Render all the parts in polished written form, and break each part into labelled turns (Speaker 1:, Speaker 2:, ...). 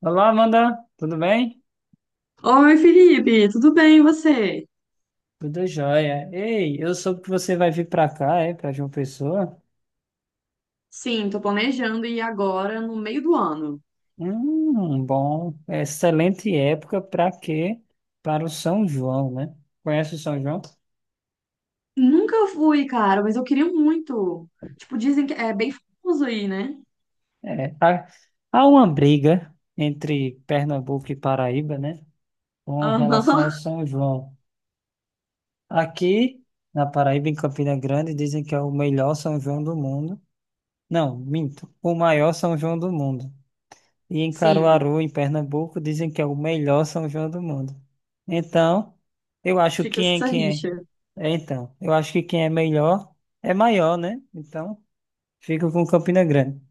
Speaker 1: Olá, Amanda, tudo bem?
Speaker 2: Oi, Felipe, tudo bem, e você?
Speaker 1: Tudo jóia. Ei, eu soube que você vai vir para cá, para João Pessoa.
Speaker 2: Sim, tô planejando ir agora no meio do ano.
Speaker 1: Bom, excelente época para quê? Para o São João, né? Conhece o São João?
Speaker 2: Nunca fui, cara, mas eu queria muito. Tipo, dizem que é bem famoso aí, né?
Speaker 1: É, há, há uma briga entre Pernambuco e Paraíba, né? Com relação ao
Speaker 2: Aham.
Speaker 1: São João. Aqui na Paraíba, em Campina Grande, dizem que é o melhor São João do mundo. Não, minto, o maior São João do mundo. E em
Speaker 2: Sim,
Speaker 1: Caruaru, em Pernambuco, dizem que é o melhor São João do mundo. Então, eu acho que
Speaker 2: fica
Speaker 1: quem é
Speaker 2: essa
Speaker 1: quem
Speaker 2: rixa.
Speaker 1: é. É, Então, eu acho que quem é melhor é maior, né? Então, fico com Campina Grande.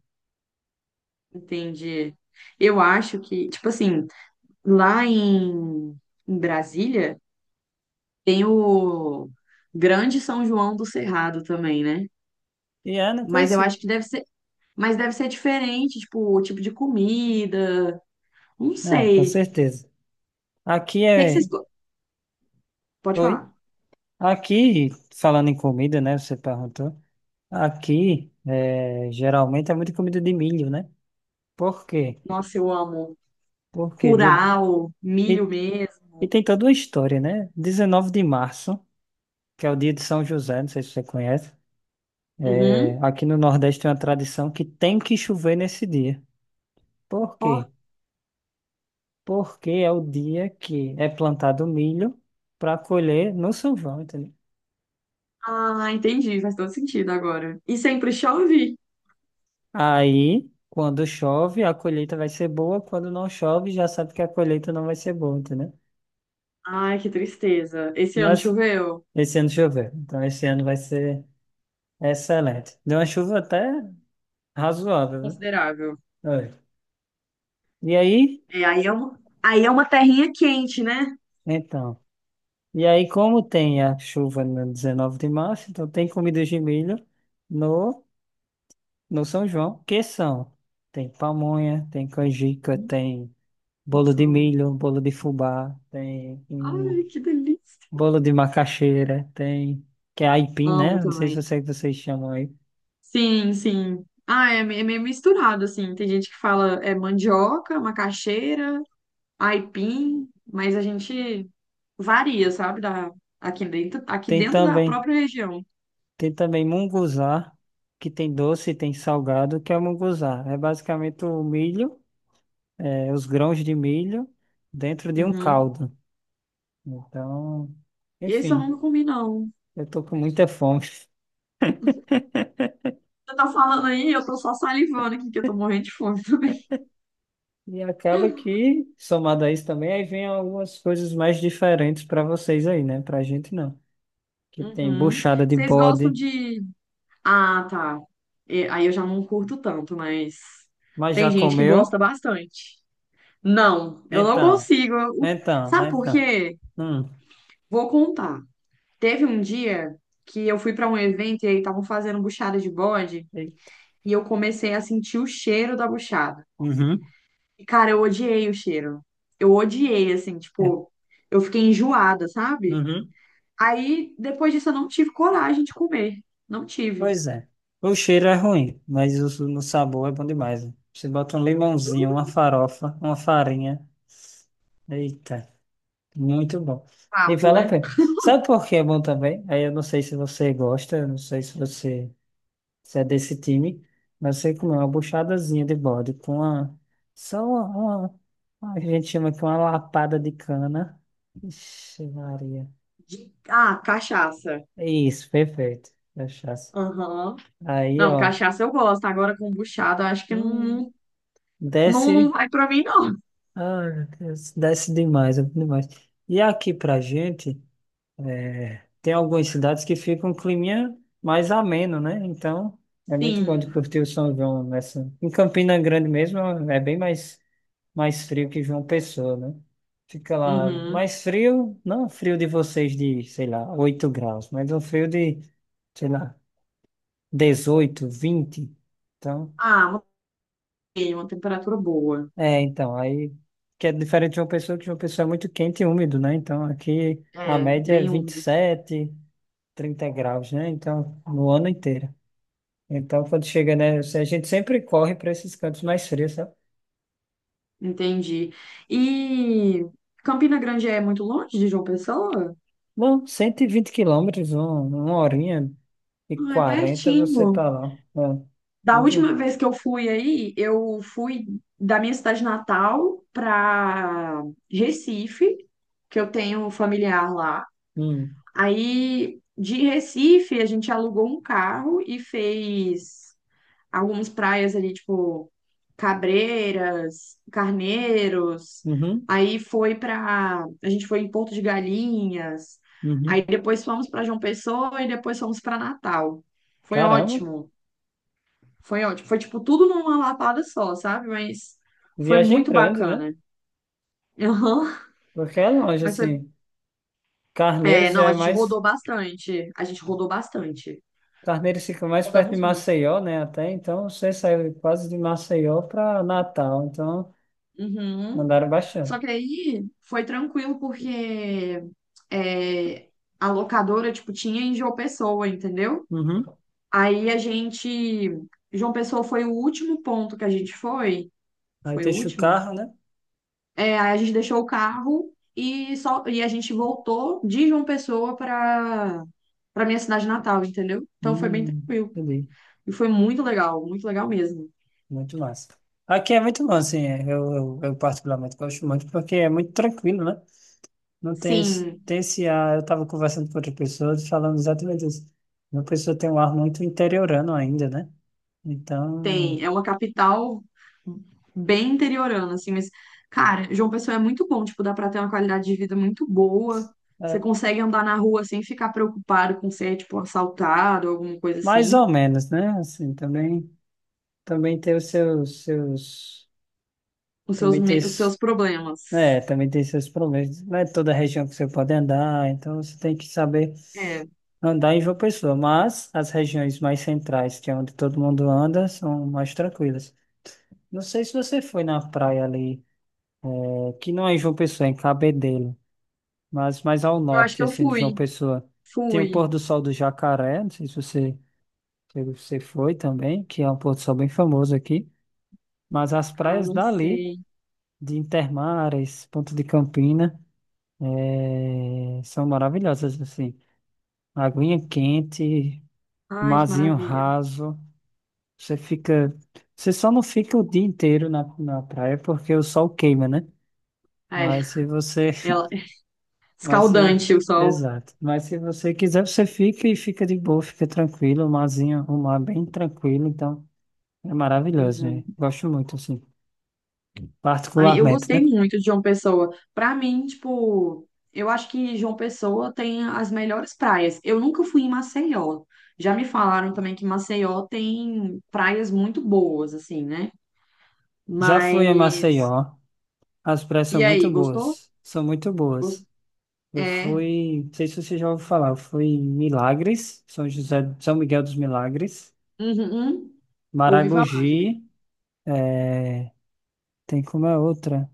Speaker 2: Entendi. Eu acho que, tipo assim, lá em, em Brasília tem o Grande São João do Cerrado também, né?
Speaker 1: E é, não
Speaker 2: Mas eu acho
Speaker 1: conhecia.
Speaker 2: que deve ser, mas deve ser diferente, tipo, o tipo de comida, não
Speaker 1: Ah, com
Speaker 2: sei.
Speaker 1: certeza. Aqui
Speaker 2: O que é que
Speaker 1: é.
Speaker 2: vocês, Pode
Speaker 1: Oi?
Speaker 2: falar.
Speaker 1: Aqui, falando em comida, né? Você perguntou. Aqui, geralmente é muita comida de milho, né? Por quê?
Speaker 2: Nossa, eu amo.
Speaker 1: Porque
Speaker 2: Curau, milho
Speaker 1: e,
Speaker 2: mesmo.
Speaker 1: e tem toda uma história, né? Dezenove de março, que é o dia de São José, não sei se você conhece. É,
Speaker 2: Uhum.
Speaker 1: aqui no Nordeste tem uma tradição que tem que chover nesse dia. Por
Speaker 2: Ó.
Speaker 1: quê? Porque é o dia que é plantado milho para colher no São João, entendeu?
Speaker 2: Ah, entendi. Faz todo sentido agora. E sempre chove.
Speaker 1: Aí, quando chove, a colheita vai ser boa, quando não chove, já sabe que a colheita não vai ser boa, entendeu?
Speaker 2: Ai, que tristeza. Esse ano
Speaker 1: Mas
Speaker 2: choveu?
Speaker 1: esse ano choveu, então esse ano vai ser excelente. Deu uma chuva até razoável, né?
Speaker 2: Considerável.
Speaker 1: Olha. E aí,
Speaker 2: É, aí é uma terrinha quente, né?
Speaker 1: então. E aí, como tem a chuva no 19 de março, então tem comidas de milho no, no São João, que são, tem pamonha, tem canjica,
Speaker 2: Hum,
Speaker 1: tem bolo
Speaker 2: nossa,
Speaker 1: de
Speaker 2: amo.
Speaker 1: milho, bolo de fubá, tem
Speaker 2: Ai, que delícia.
Speaker 1: bolo de macaxeira, tem, que é aipim,
Speaker 2: Amo
Speaker 1: né? Não sei se
Speaker 2: também.
Speaker 1: você, vocês chamam aí.
Speaker 2: Sim, sim. Ah, é meio misturado, assim. Tem gente que fala é mandioca, macaxeira, aipim, mas a gente varia, sabe? Da, aqui
Speaker 1: Tem
Speaker 2: dentro da
Speaker 1: também,
Speaker 2: própria região.
Speaker 1: tem também munguzá, que tem doce, e tem salgado, que é o munguzá. É basicamente os grãos de milho dentro de um
Speaker 2: Uhum.
Speaker 1: caldo. Então,
Speaker 2: Esse eu
Speaker 1: enfim,
Speaker 2: nunca comi, não.
Speaker 1: eu tô com muita fome.
Speaker 2: Você tá falando aí, eu tô só salivando aqui, que eu tô morrendo de fome também.
Speaker 1: E acaba que, somado a isso também, aí vem algumas coisas mais diferentes para vocês aí, né? Pra gente não. Que tem
Speaker 2: Uhum.
Speaker 1: buchada de
Speaker 2: Vocês gostam
Speaker 1: bode,
Speaker 2: de. Ah, tá. Aí eu já não curto tanto, mas
Speaker 1: mas
Speaker 2: tem
Speaker 1: já
Speaker 2: gente que
Speaker 1: comeu?
Speaker 2: gosta bastante. Não, eu não
Speaker 1: Então,
Speaker 2: consigo. Sabe por
Speaker 1: então.
Speaker 2: quê?
Speaker 1: Hum.
Speaker 2: Vou contar. Teve um dia que eu fui para um evento e aí estavam fazendo buchada de bode
Speaker 1: Eita.
Speaker 2: e eu comecei a sentir o cheiro da buchada.
Speaker 1: Uhum.
Speaker 2: E, cara, eu odiei o cheiro. Eu odiei, assim,
Speaker 1: É.
Speaker 2: tipo, eu fiquei enjoada, sabe?
Speaker 1: Uhum.
Speaker 2: Aí, depois disso, eu não tive coragem de comer. Não tive.
Speaker 1: Pois é. O cheiro é ruim, mas no sabor é bom demais, né? Você bota um
Speaker 2: Uh,
Speaker 1: limãozinho, uma farofa, uma farinha. Eita. Muito bom. E
Speaker 2: Papo,
Speaker 1: vale a
Speaker 2: né?
Speaker 1: pena. Sabe por que é bom também? Aí eu não sei se você gosta, eu não sei se você se é desse time, mas você comer uma buchadazinha de bode com só uma, uma, a gente chama aqui uma lapada de cana. Ixi, Maria.
Speaker 2: De- ah, cachaça.
Speaker 1: É isso, perfeito. Cachaça.
Speaker 2: Aham.
Speaker 1: Aí,
Speaker 2: Não,
Speaker 1: ó,
Speaker 2: cachaça eu gosto. Agora, kombuchada, eu acho que
Speaker 1: hum,
Speaker 2: não,
Speaker 1: desce,
Speaker 2: não vai pra mim, não.
Speaker 1: ah, meu Deus, desce demais, é bom demais. E aqui pra gente. É, tem algumas cidades que ficam um climinha mais ameno, né? Então é muito bom de
Speaker 2: Sim.
Speaker 1: curtir o São João nessa. Em Campina Grande mesmo é mais frio que João Pessoa, né? Fica lá
Speaker 2: Uhum.
Speaker 1: mais frio, não frio de vocês de, sei lá, 8 graus, mas é um frio de, sei lá, 18, 20. Então,
Speaker 2: Ah, uma temperatura boa.
Speaker 1: aí que é diferente de João Pessoa, que João Pessoa é muito quente e úmido, né? Então aqui a
Speaker 2: É,
Speaker 1: média é
Speaker 2: bem
Speaker 1: vinte e
Speaker 2: úmido.
Speaker 1: sete. 30 graus, né? Então, no ano inteiro. Então, quando chega, né? A gente sempre corre para esses cantos mais frios, sabe?
Speaker 2: Entendi. E Campina Grande é muito longe de João Pessoa?
Speaker 1: Bom, 120 quilômetros, uma horinha e
Speaker 2: Ah, é
Speaker 1: 40 você
Speaker 2: pertinho.
Speaker 1: tá lá. É,
Speaker 2: Da última
Speaker 1: muito.
Speaker 2: vez que eu fui aí, eu fui da minha cidade natal para Recife, que eu tenho um familiar lá.
Speaker 1: Hum,
Speaker 2: Aí de Recife, a gente alugou um carro e fez algumas praias ali, tipo Cabreiras, Carneiros.
Speaker 1: uhum,
Speaker 2: Aí foi para, a gente foi em Porto de Galinhas. Aí
Speaker 1: uhum.
Speaker 2: depois fomos para João Pessoa e depois fomos para Natal. Foi
Speaker 1: Caramba,
Speaker 2: ótimo. Foi ótimo. Foi, tipo, tudo numa lapada só, sabe? Mas foi
Speaker 1: viagem
Speaker 2: muito
Speaker 1: grande, né?
Speaker 2: bacana. Aham.
Speaker 1: Porque é longe,
Speaker 2: Mas foi.
Speaker 1: assim.
Speaker 2: É,
Speaker 1: Carneiros já
Speaker 2: não,
Speaker 1: é
Speaker 2: a gente
Speaker 1: mais.
Speaker 2: rodou bastante. A gente rodou bastante.
Speaker 1: Carneiros fica mais perto de
Speaker 2: Rodamos muito.
Speaker 1: Maceió, né? Até então, você saiu quase de Maceió para Natal. Então,
Speaker 2: Uhum.
Speaker 1: andaram bastante.
Speaker 2: Só que aí foi tranquilo, porque é, a locadora, tipo, tinha em João Pessoa, entendeu?
Speaker 1: Uhum.
Speaker 2: Aí a gente. João Pessoa foi o último ponto que a gente foi.
Speaker 1: Aí
Speaker 2: Foi o
Speaker 1: deixa o
Speaker 2: último?
Speaker 1: carro, né?
Speaker 2: É, aí a gente deixou o carro e só e a gente voltou de João Pessoa para minha cidade natal, entendeu? Então foi bem
Speaker 1: Hum,
Speaker 2: tranquilo
Speaker 1: entendi.
Speaker 2: e foi muito legal mesmo.
Speaker 1: Muito massa. Aqui é muito bom, assim, eu particularmente gosto muito, porque é muito tranquilo, né? Não tem esse,
Speaker 2: Sim,
Speaker 1: tem esse ar, eu estava conversando com outras pessoas, falando exatamente isso. Uma pessoa tem um ar muito interiorano ainda, né? Então,
Speaker 2: tem, é uma capital bem interiorana assim, mas cara, João Pessoa é muito bom, tipo, dá para ter uma qualidade de vida muito boa. Você
Speaker 1: é,
Speaker 2: consegue andar na rua sem ficar preocupado com ser tipo assaltado ou alguma coisa
Speaker 1: mais ou
Speaker 2: assim,
Speaker 1: menos, né? Assim, também, também tem os seus, seus, também tem,
Speaker 2: os
Speaker 1: s-
Speaker 2: seus problemas.
Speaker 1: é, também tem seus problemas. Não é toda região que você pode andar, então você tem que saber
Speaker 2: É,
Speaker 1: andar em João Pessoa, mas as regiões mais centrais, que é onde todo mundo anda, são mais tranquilas. Não sei se você foi na praia ali, que não é em João Pessoa, é em Cabedelo, mas mais ao
Speaker 2: eu acho
Speaker 1: norte,
Speaker 2: que eu
Speaker 1: assim, de João
Speaker 2: fui,
Speaker 1: Pessoa. Tem o
Speaker 2: fui.
Speaker 1: pôr do sol do Jacaré, não sei se você foi também, que é um pôr do sol bem famoso aqui. Mas as
Speaker 2: Ai,
Speaker 1: praias
Speaker 2: não
Speaker 1: dali,
Speaker 2: sei.
Speaker 1: de Intermares, Ponta de Campina, são maravilhosas, assim. Aguinha quente,
Speaker 2: Ai, que
Speaker 1: marzinho
Speaker 2: maravilha.
Speaker 1: raso. Você fica. Você só não fica o dia inteiro na praia porque o sol queima, né?
Speaker 2: É,
Speaker 1: Mas se você.
Speaker 2: ela...
Speaker 1: Mas se.
Speaker 2: escaldante o sol.
Speaker 1: Exato. Mas se você quiser, você fica e fica de boa, fica tranquilo. O mar é bem tranquilo. Então, é maravilhoso, né?
Speaker 2: Uhum.
Speaker 1: Gosto muito, assim.
Speaker 2: Ai, eu
Speaker 1: Particularmente, né?
Speaker 2: gostei muito de João Pessoa. Pra mim, tipo, eu acho que João Pessoa tem as melhores praias. Eu nunca fui em Maceió. Já me falaram também que Maceió tem praias muito boas, assim, né?
Speaker 1: Já fui a
Speaker 2: Mas.
Speaker 1: Maceió. As praias
Speaker 2: E
Speaker 1: são
Speaker 2: aí,
Speaker 1: muito
Speaker 2: gostou?
Speaker 1: boas. São muito
Speaker 2: Gost...
Speaker 1: boas. Eu
Speaker 2: É.
Speaker 1: fui. Não sei se você já ouviu falar. Eu fui em Milagres, São José, São Miguel dos Milagres,
Speaker 2: Uhum, uhum. Ouvi falar, gente.
Speaker 1: Maragogi. é, Tem como é outra.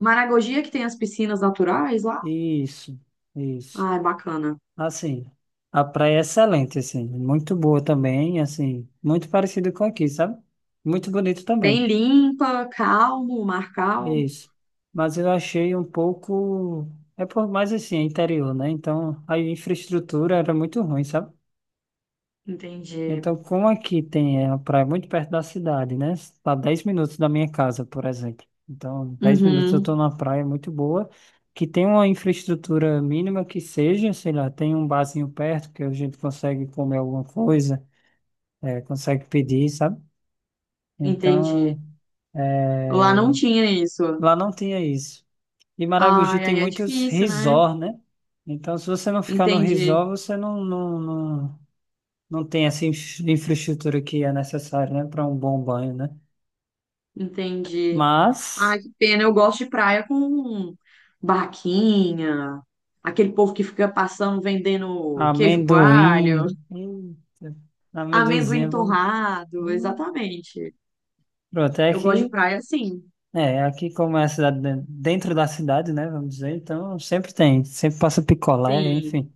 Speaker 2: Maragogi é que tem as piscinas naturais lá?
Speaker 1: Isso, isso.
Speaker 2: Ai, bacana.
Speaker 1: Assim, a praia é excelente, assim, muito boa também, assim, muito parecido com aqui, sabe? Muito bonito também.
Speaker 2: Bem limpa, calmo, mar calmo.
Speaker 1: Isso. Mas eu achei um pouco. É por mais assim, é interior, né? Então a infraestrutura era muito ruim, sabe?
Speaker 2: Entendi.
Speaker 1: Então, como aqui tem a praia muito perto da cidade, né? Tá 10 minutos da minha casa, por exemplo. Então, 10 minutos eu tô
Speaker 2: Uhum,
Speaker 1: numa praia muito boa, que tem uma infraestrutura mínima que seja, sei lá, tem um barzinho perto que a gente consegue comer alguma coisa, consegue pedir, sabe? Então,
Speaker 2: entendi.
Speaker 1: é,
Speaker 2: Lá não tinha isso.
Speaker 1: Lá não tinha isso. E Maragogi
Speaker 2: Ai,
Speaker 1: tem
Speaker 2: aí é
Speaker 1: muitos
Speaker 2: difícil, né?
Speaker 1: resort, né? Então, se você não ficar no
Speaker 2: Entendi,
Speaker 1: resort, você não, não, não, não tem essa infraestrutura que é necessária, né, para um bom banho, né?
Speaker 2: entendi.
Speaker 1: Mas
Speaker 2: Ai, que pena. Eu gosto de praia com barraquinha, aquele povo que fica passando vendendo queijo coalho,
Speaker 1: amendoim, eita,
Speaker 2: amendoim
Speaker 1: amendoinzinho,
Speaker 2: torrado,
Speaker 1: hum,
Speaker 2: exatamente.
Speaker 1: pronto, é
Speaker 2: Eu gosto de
Speaker 1: que
Speaker 2: praia assim.
Speaker 1: é, aqui como é a cidade dentro da cidade, né, vamos dizer, então sempre tem, sempre passa picolé,
Speaker 2: Sim.
Speaker 1: enfim,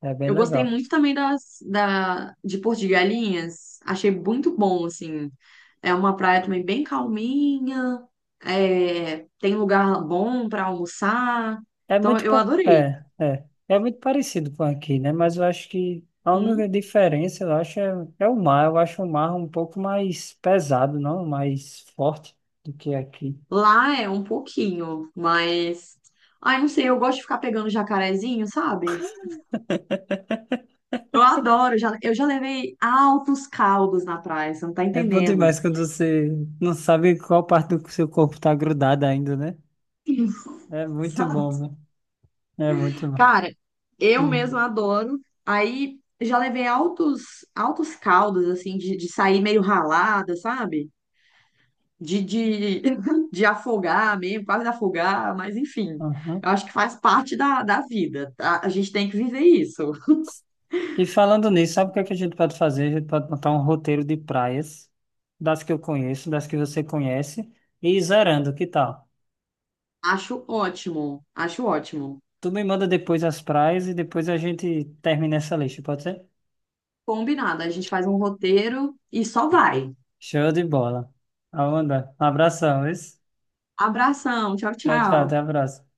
Speaker 1: é bem
Speaker 2: Eu gostei
Speaker 1: legal.
Speaker 2: muito também de Porto de Galinhas. Achei muito bom, assim. É uma praia também bem calminha. É, tem lugar bom para almoçar.
Speaker 1: É
Speaker 2: Então, eu adorei.
Speaker 1: é muito parecido com aqui, né, mas eu acho que a única
Speaker 2: Hum.
Speaker 1: diferença, eu acho, é o mar, eu acho o mar um pouco mais pesado, não mais forte do que aqui.
Speaker 2: Lá é um pouquinho, mas... Ai, não sei, eu gosto de ficar pegando jacarezinho, sabe? Eu adoro. Já, eu já levei altos caldos na praia, você não tá
Speaker 1: É bom
Speaker 2: entendendo.
Speaker 1: demais quando você não sabe qual parte do seu corpo está grudada ainda, né? É muito
Speaker 2: Sabe?
Speaker 1: bom, né? É muito bom.
Speaker 2: Cara, eu
Speaker 1: Hum,
Speaker 2: mesma adoro. Aí já levei altos caldos, assim, de sair meio ralada, sabe? De, de, de afogar mesmo, quase afogar, mas enfim.
Speaker 1: aham.
Speaker 2: Eu acho que faz parte da vida, tá? A gente tem que viver isso.
Speaker 1: E falando nisso, sabe o que é que a gente pode fazer? A gente pode montar um roteiro de praias, das que eu conheço, das que você conhece, e ir zerando, que tal?
Speaker 2: Acho ótimo, acho ótimo.
Speaker 1: Tu me manda depois as praias e depois a gente termina essa lista, pode ser?
Speaker 2: Combinado, a gente faz um roteiro e só vai.
Speaker 1: Show de bola. Amanda, um abração, isso?
Speaker 2: Abração, tchau,
Speaker 1: Tchau, tchau,
Speaker 2: tchau.
Speaker 1: até a próxima.